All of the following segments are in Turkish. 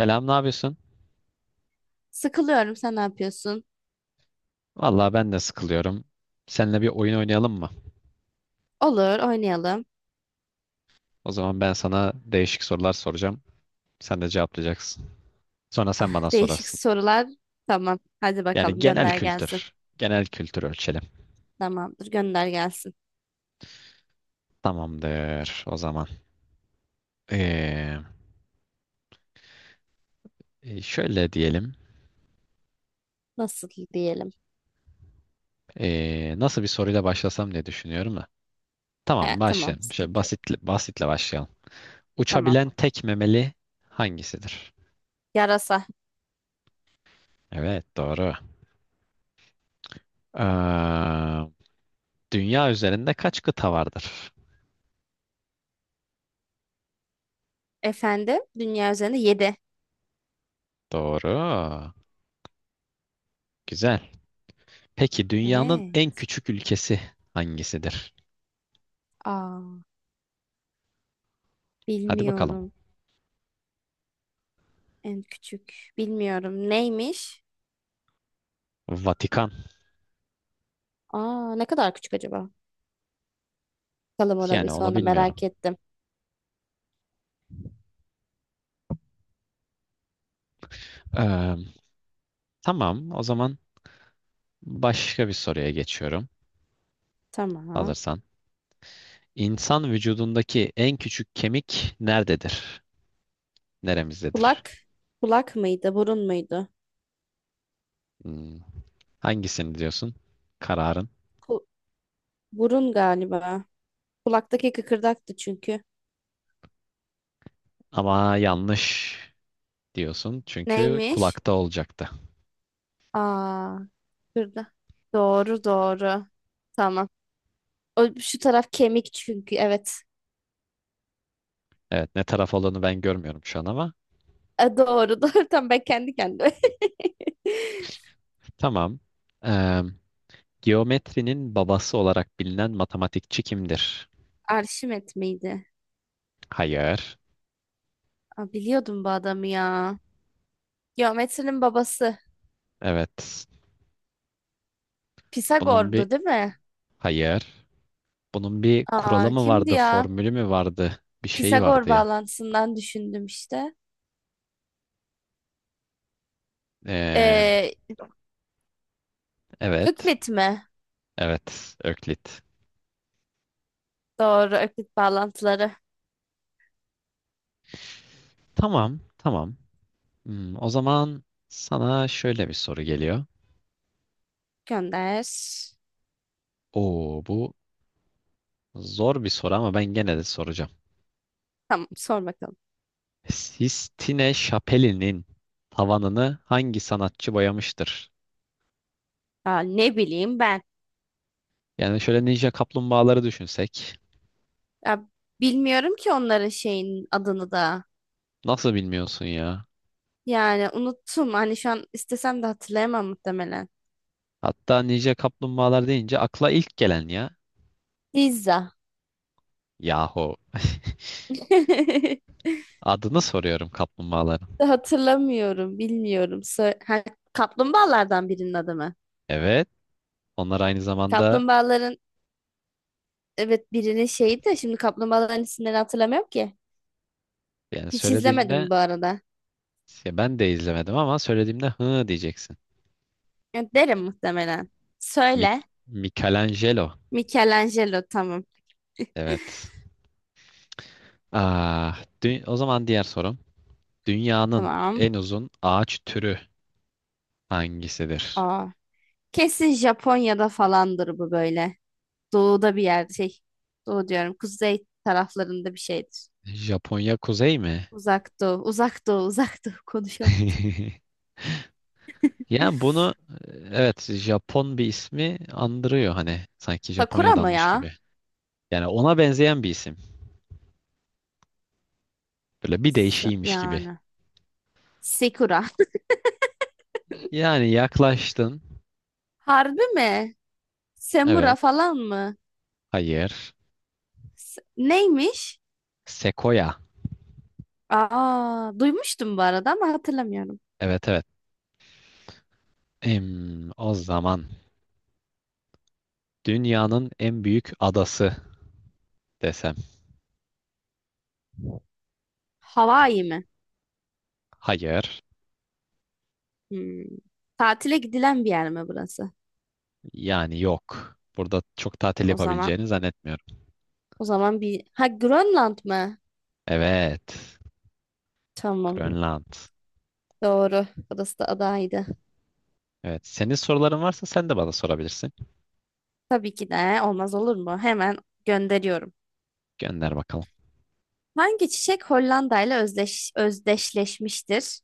Selam, ne yapıyorsun? Sıkılıyorum. Sen ne yapıyorsun? Vallahi ben de sıkılıyorum. Seninle bir oyun oynayalım mı? Olur, oynayalım. O zaman ben sana değişik sorular soracağım. Sen de cevaplayacaksın. Sonra sen bana Değişik sorarsın. sorular. Tamam. Hadi Yani bakalım genel gönder gelsin. kültür. Genel kültür ölçelim. Tamamdır, gönder gelsin. Tamamdır o zaman. Ee, Şöyle diyelim. Nasıl diyelim? Nasıl bir soruyla başlasam diye düşünüyorum da. Tamam Tamam, başlayalım. Şöyle sıkıntı yok. Basitle başlayalım. Tamam. Uçabilen tek memeli hangisidir? Yarasa. Evet doğru. Ee, Dünya üzerinde kaç kıta vardır? Efendim, dünya üzerinde yedi. Doğru. Güzel. Peki dünyanın en Evet. küçük ülkesi hangisidir? Aa, Hadi bakalım. bilmiyorum. En küçük. Bilmiyorum. Neymiş? Vatikan. Aa, ne kadar küçük acaba? Bakalım ona bir Yani onu sonra merak bilmiyorum. ettim. Ee, tamam. O zaman başka bir soruya geçiyorum. Tamam. Hazırsan. İnsan vücudundaki en küçük kemik nerededir? Neremizdedir? Kulak. Kulak mıydı? Burun muydu? Hmm, hangisini diyorsun? Kararın. Ku- Burun galiba. Kulaktaki kıkırdaktı çünkü. Ama yanlış diyorsun. Çünkü Neymiş? kulakta olacaktı. Aa, kıkırdak. Doğru doğru. Tamam. O, şu taraf kemik çünkü evet. Evet, ne taraf olduğunu ben görmüyorum şu an ama. Doğru doğru. Tamam, ben kendi kendime. Tamam. Ee, Geometrinin babası olarak bilinen matematikçi kimdir? Arşimet miydi? Hayır. Aa, biliyordum bu adamı ya. Geometrinin babası. Evet. Bunun bir Pisagor'du değil mi? hayır. Bunun bir kuralı Aa, mı kimdi vardı, ya? formülü mü vardı? Bir şey Pisagor vardı ya. bağlantısından düşündüm işte. Ee, Ee, evet. Öklit mi? Evet. Öklit. Doğru, Öklit bağlantıları. Tamam. Tamam. Hmm, o zaman sana şöyle bir soru geliyor. Gönder. Oo, bu zor bir soru ama ben gene de soracağım. Tamam, sor bakalım. Sistine Şapeli'nin tavanını hangi sanatçı boyamıştır? Ya ne bileyim ben. Yani şöyle Ninja Kaplumbağaları düşünsek. Ya bilmiyorum ki onların şeyin adını da. Nasıl bilmiyorsun ya? Yani unuttum. Hani şu an istesem de hatırlayamam muhtemelen. Hatta Ninja Kaplumbağalar deyince akla ilk gelen ya. Pizza. Yahu. Adını soruyorum kaplumbağaların. Hatırlamıyorum, bilmiyorum. Ha, kaplumbağalardan birinin adı mı? Evet. Onlar aynı zamanda Kaplumbağaların, evet, birinin şeyi de, şimdi kaplumbağaların isimlerini hatırlamıyorum ki. yani Hiç söylediğimde izlemedim bu arada. ya ben de izlemedim ama söylediğimde hı diyeceksin. Ya derim muhtemelen. Söyle. Michelangelo. Michelangelo, tamam. Evet. O zaman diğer sorum. Dünyanın Tamam. en uzun ağaç türü hangisidir? Aa, kesin Japonya'da falandır bu böyle. Doğuda bir yerde şey. Doğu diyorum. Kuzey taraflarında bir şeydir. Japonya kuzey mi? Uzak doğu. Uzak doğu. Uzak doğu. Konuşamadım. Yani evet, Japon bir ismi andırıyor hani sanki Sakura mı Japonya'danmış ya? gibi. Yani ona benzeyen bir isim. Böyle bir değişiymiş gibi. Yani, sekura. Yani yaklaştın. Harbi mi? Semura Evet. falan mı? Hayır. Neymiş? Sekoya. Aa, duymuştum bu arada ama hatırlamıyorum. Evet, evet. Em, o zaman dünyanın en büyük adası desem. Hawaii mi? Hayır. Hmm. Tatile gidilen bir yer mi burası? Yani yok. Burada çok tatil O zaman yapabileceğini zannetmiyorum. o zaman bir, ha, Grönland mı? Evet. Tamam. Grönland. Doğru. Burası da adaydı. Evet. Senin soruların varsa sen de bana sorabilirsin. Tabii ki, de olmaz olur mu? Hemen gönderiyorum. Gönder bakalım. Hangi çiçek Hollanda ile özdeşleşmiştir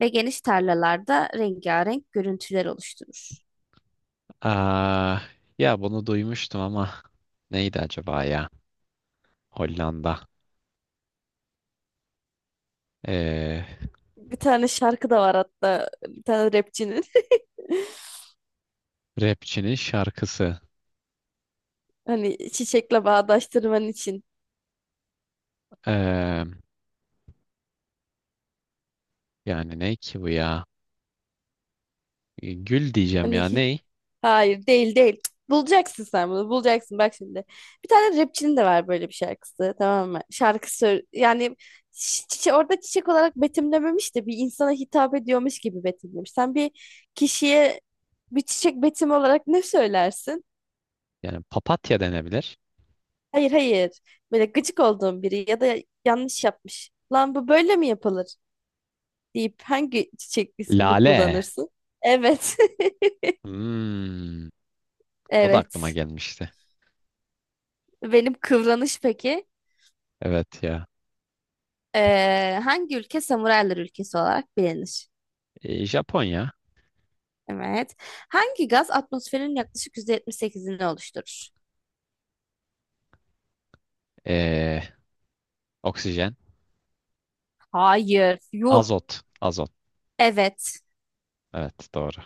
ve geniş tarlalarda rengarenk görüntüler oluşturur? Aa, ya bunu duymuştum ama neydi acaba ya? Hollanda. Ee, Bir tane şarkı da var hatta, bir tane rapçinin. rapçinin şarkısı. Hani çiçekle bağdaştırman için. Ee, yani ne ki bu ya? Gül diyeceğim Hani ya ney? Hayır, değil değil. Cık. Bulacaksın, sen bunu bulacaksın, bak şimdi. Bir tane rapçinin de var böyle bir şarkısı, tamam mı? Şarkı yani orada çiçek olarak betimlememiş de bir insana hitap ediyormuş gibi betimlemiş. Sen bir kişiye bir çiçek betimi olarak ne söylersin? Yani papatya denebilir. Hayır, hayır, böyle gıcık olduğun biri ya da yanlış yapmış. Lan, bu böyle mi yapılır deyip hangi çiçek ismini Lale. kullanırsın? Evet. Hmm, o da aklıma Evet. gelmişti. Benim kıvranış peki? Evet ya. Hangi ülke samuraylar ülkesi olarak bilinir? Japonya. Evet. Hangi gaz atmosferin yaklaşık %78'ini oluşturur? Ee, oksijen. Hayır. Yuh. Azot. Azot. Evet. Evet doğru.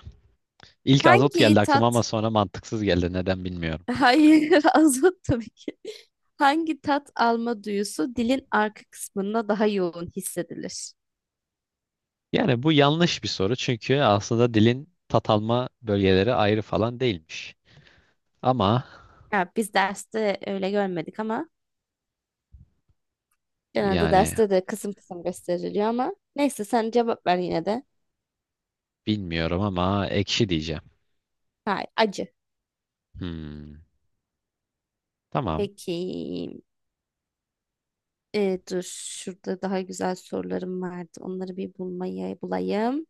İlk azot geldi Hangi aklıma ama tat? sonra mantıksız geldi. Neden bilmiyorum. Hayır, azot tabii ki. Hangi tat alma duyusu dilin arka kısmında daha yoğun hissedilir? Yani bu yanlış bir soru çünkü aslında dilin tat alma bölgeleri ayrı falan değilmiş. Ama Ya biz derste öyle görmedik ama genelde yani derste de kısım kısım gösteriliyor, ama neyse, sen cevap ver yine de. bilmiyorum ama ekşi diyeceğim. Hayır, acı. Hmm, tamam. Peki. Dur, şurada daha güzel sorularım vardı. Onları bir bulayım.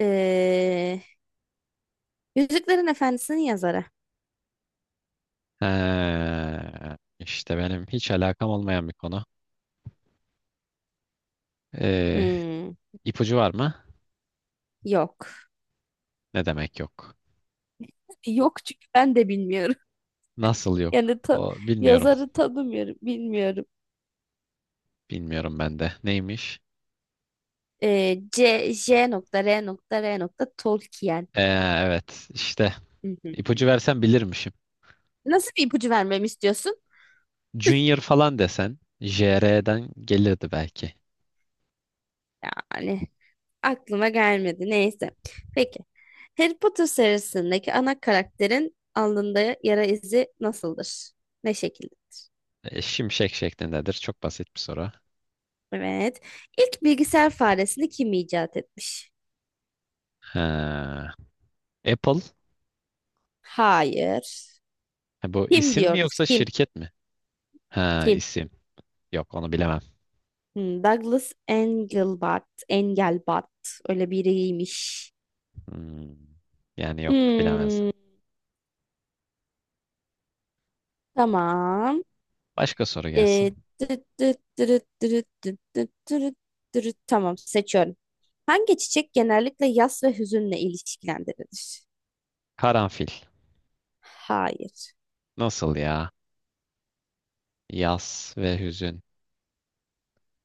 Ee, Yüzüklerin Efendisi'nin yazarı. İşte benim hiç alakam olmayan bir konu. Ee, Hmm, ipucu var mı? Yok. Ne demek yok? Yok, çünkü ben de bilmiyorum. Nasıl yok? Yani O bilmiyorum. yazarı tanımıyorum. Bilmiyorum. Bilmiyorum ben de. Neymiş? C, J.R.R. Tolkien. Ee, evet işte Hı hı. ipucu versen bilirmişim. Nasıl bir ipucu vermemi istiyorsun? Junior falan desen JR'den gelirdi belki. Yani aklıma gelmedi. Neyse. Peki. Harry Potter serisindeki ana karakterin alnında yara izi nasıldır? Ne şekilde? E, şimşek şeklindedir. Çok basit bir soru. Evet. İlk bilgisayar faresini kim icat etmiş? Ha. Apple. Hayır. Ha, bu Kim isim mi diyoruz? yoksa Kim? şirket mi? Ha, Kim? isim. Yok onu bilemem. Douglas Engelbart. Engelbart. Öyle biriymiş. Hmm. Yani yok bilemezdim. Hmm, tamam. Başka soru gelsin. Ee, Dırıt dırıt dırıt dırıt dırıt dırıt dırıt dırıt. Tamam, seçiyorum. Hangi çiçek genellikle yas ve hüzünle ilişkilendirilir? Karanfil. Hayır. Nasıl ya? Yas ve hüzün.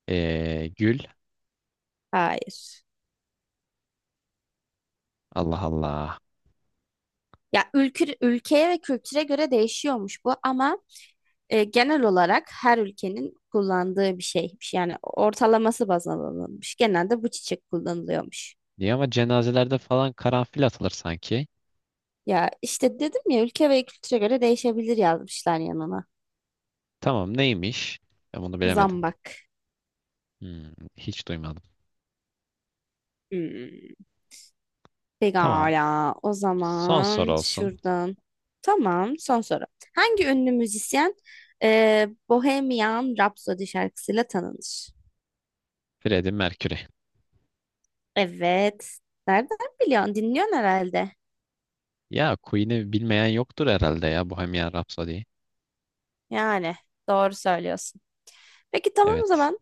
Gül. Hayır. Allah Allah. Ya ülkeye ve kültüre göre değişiyormuş bu, ama genel olarak her ülkenin kullandığı bir şeymiş. Yani ortalaması baz alınmış. Genelde bu çiçek kullanılıyormuş. Niye ama cenazelerde falan karanfil atılır sanki. Ya işte dedim ya, ülke ve kültüre göre değişebilir yazmışlar yanına. Tamam neymiş? Ben bunu bilemedim. Zambak. Hmm, hiç duymadım. Hmm. Tamam. Pekala. O Son soru zaman olsun. şuradan. Tamam, son soru. Hangi ünlü müzisyen, Bohemian Rhapsody şarkısıyla tanınır? Freddie Mercury. Evet. Nereden biliyorsun? Dinliyorsun herhalde. Ya Queen'i bilmeyen yoktur herhalde ya Bohemian Rhapsody. Yani doğru söylüyorsun. Peki, tamam o Evet. zaman.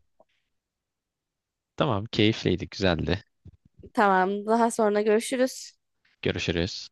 Tamam, keyifliydi, güzeldi. Tamam, daha sonra görüşürüz. Görüşürüz.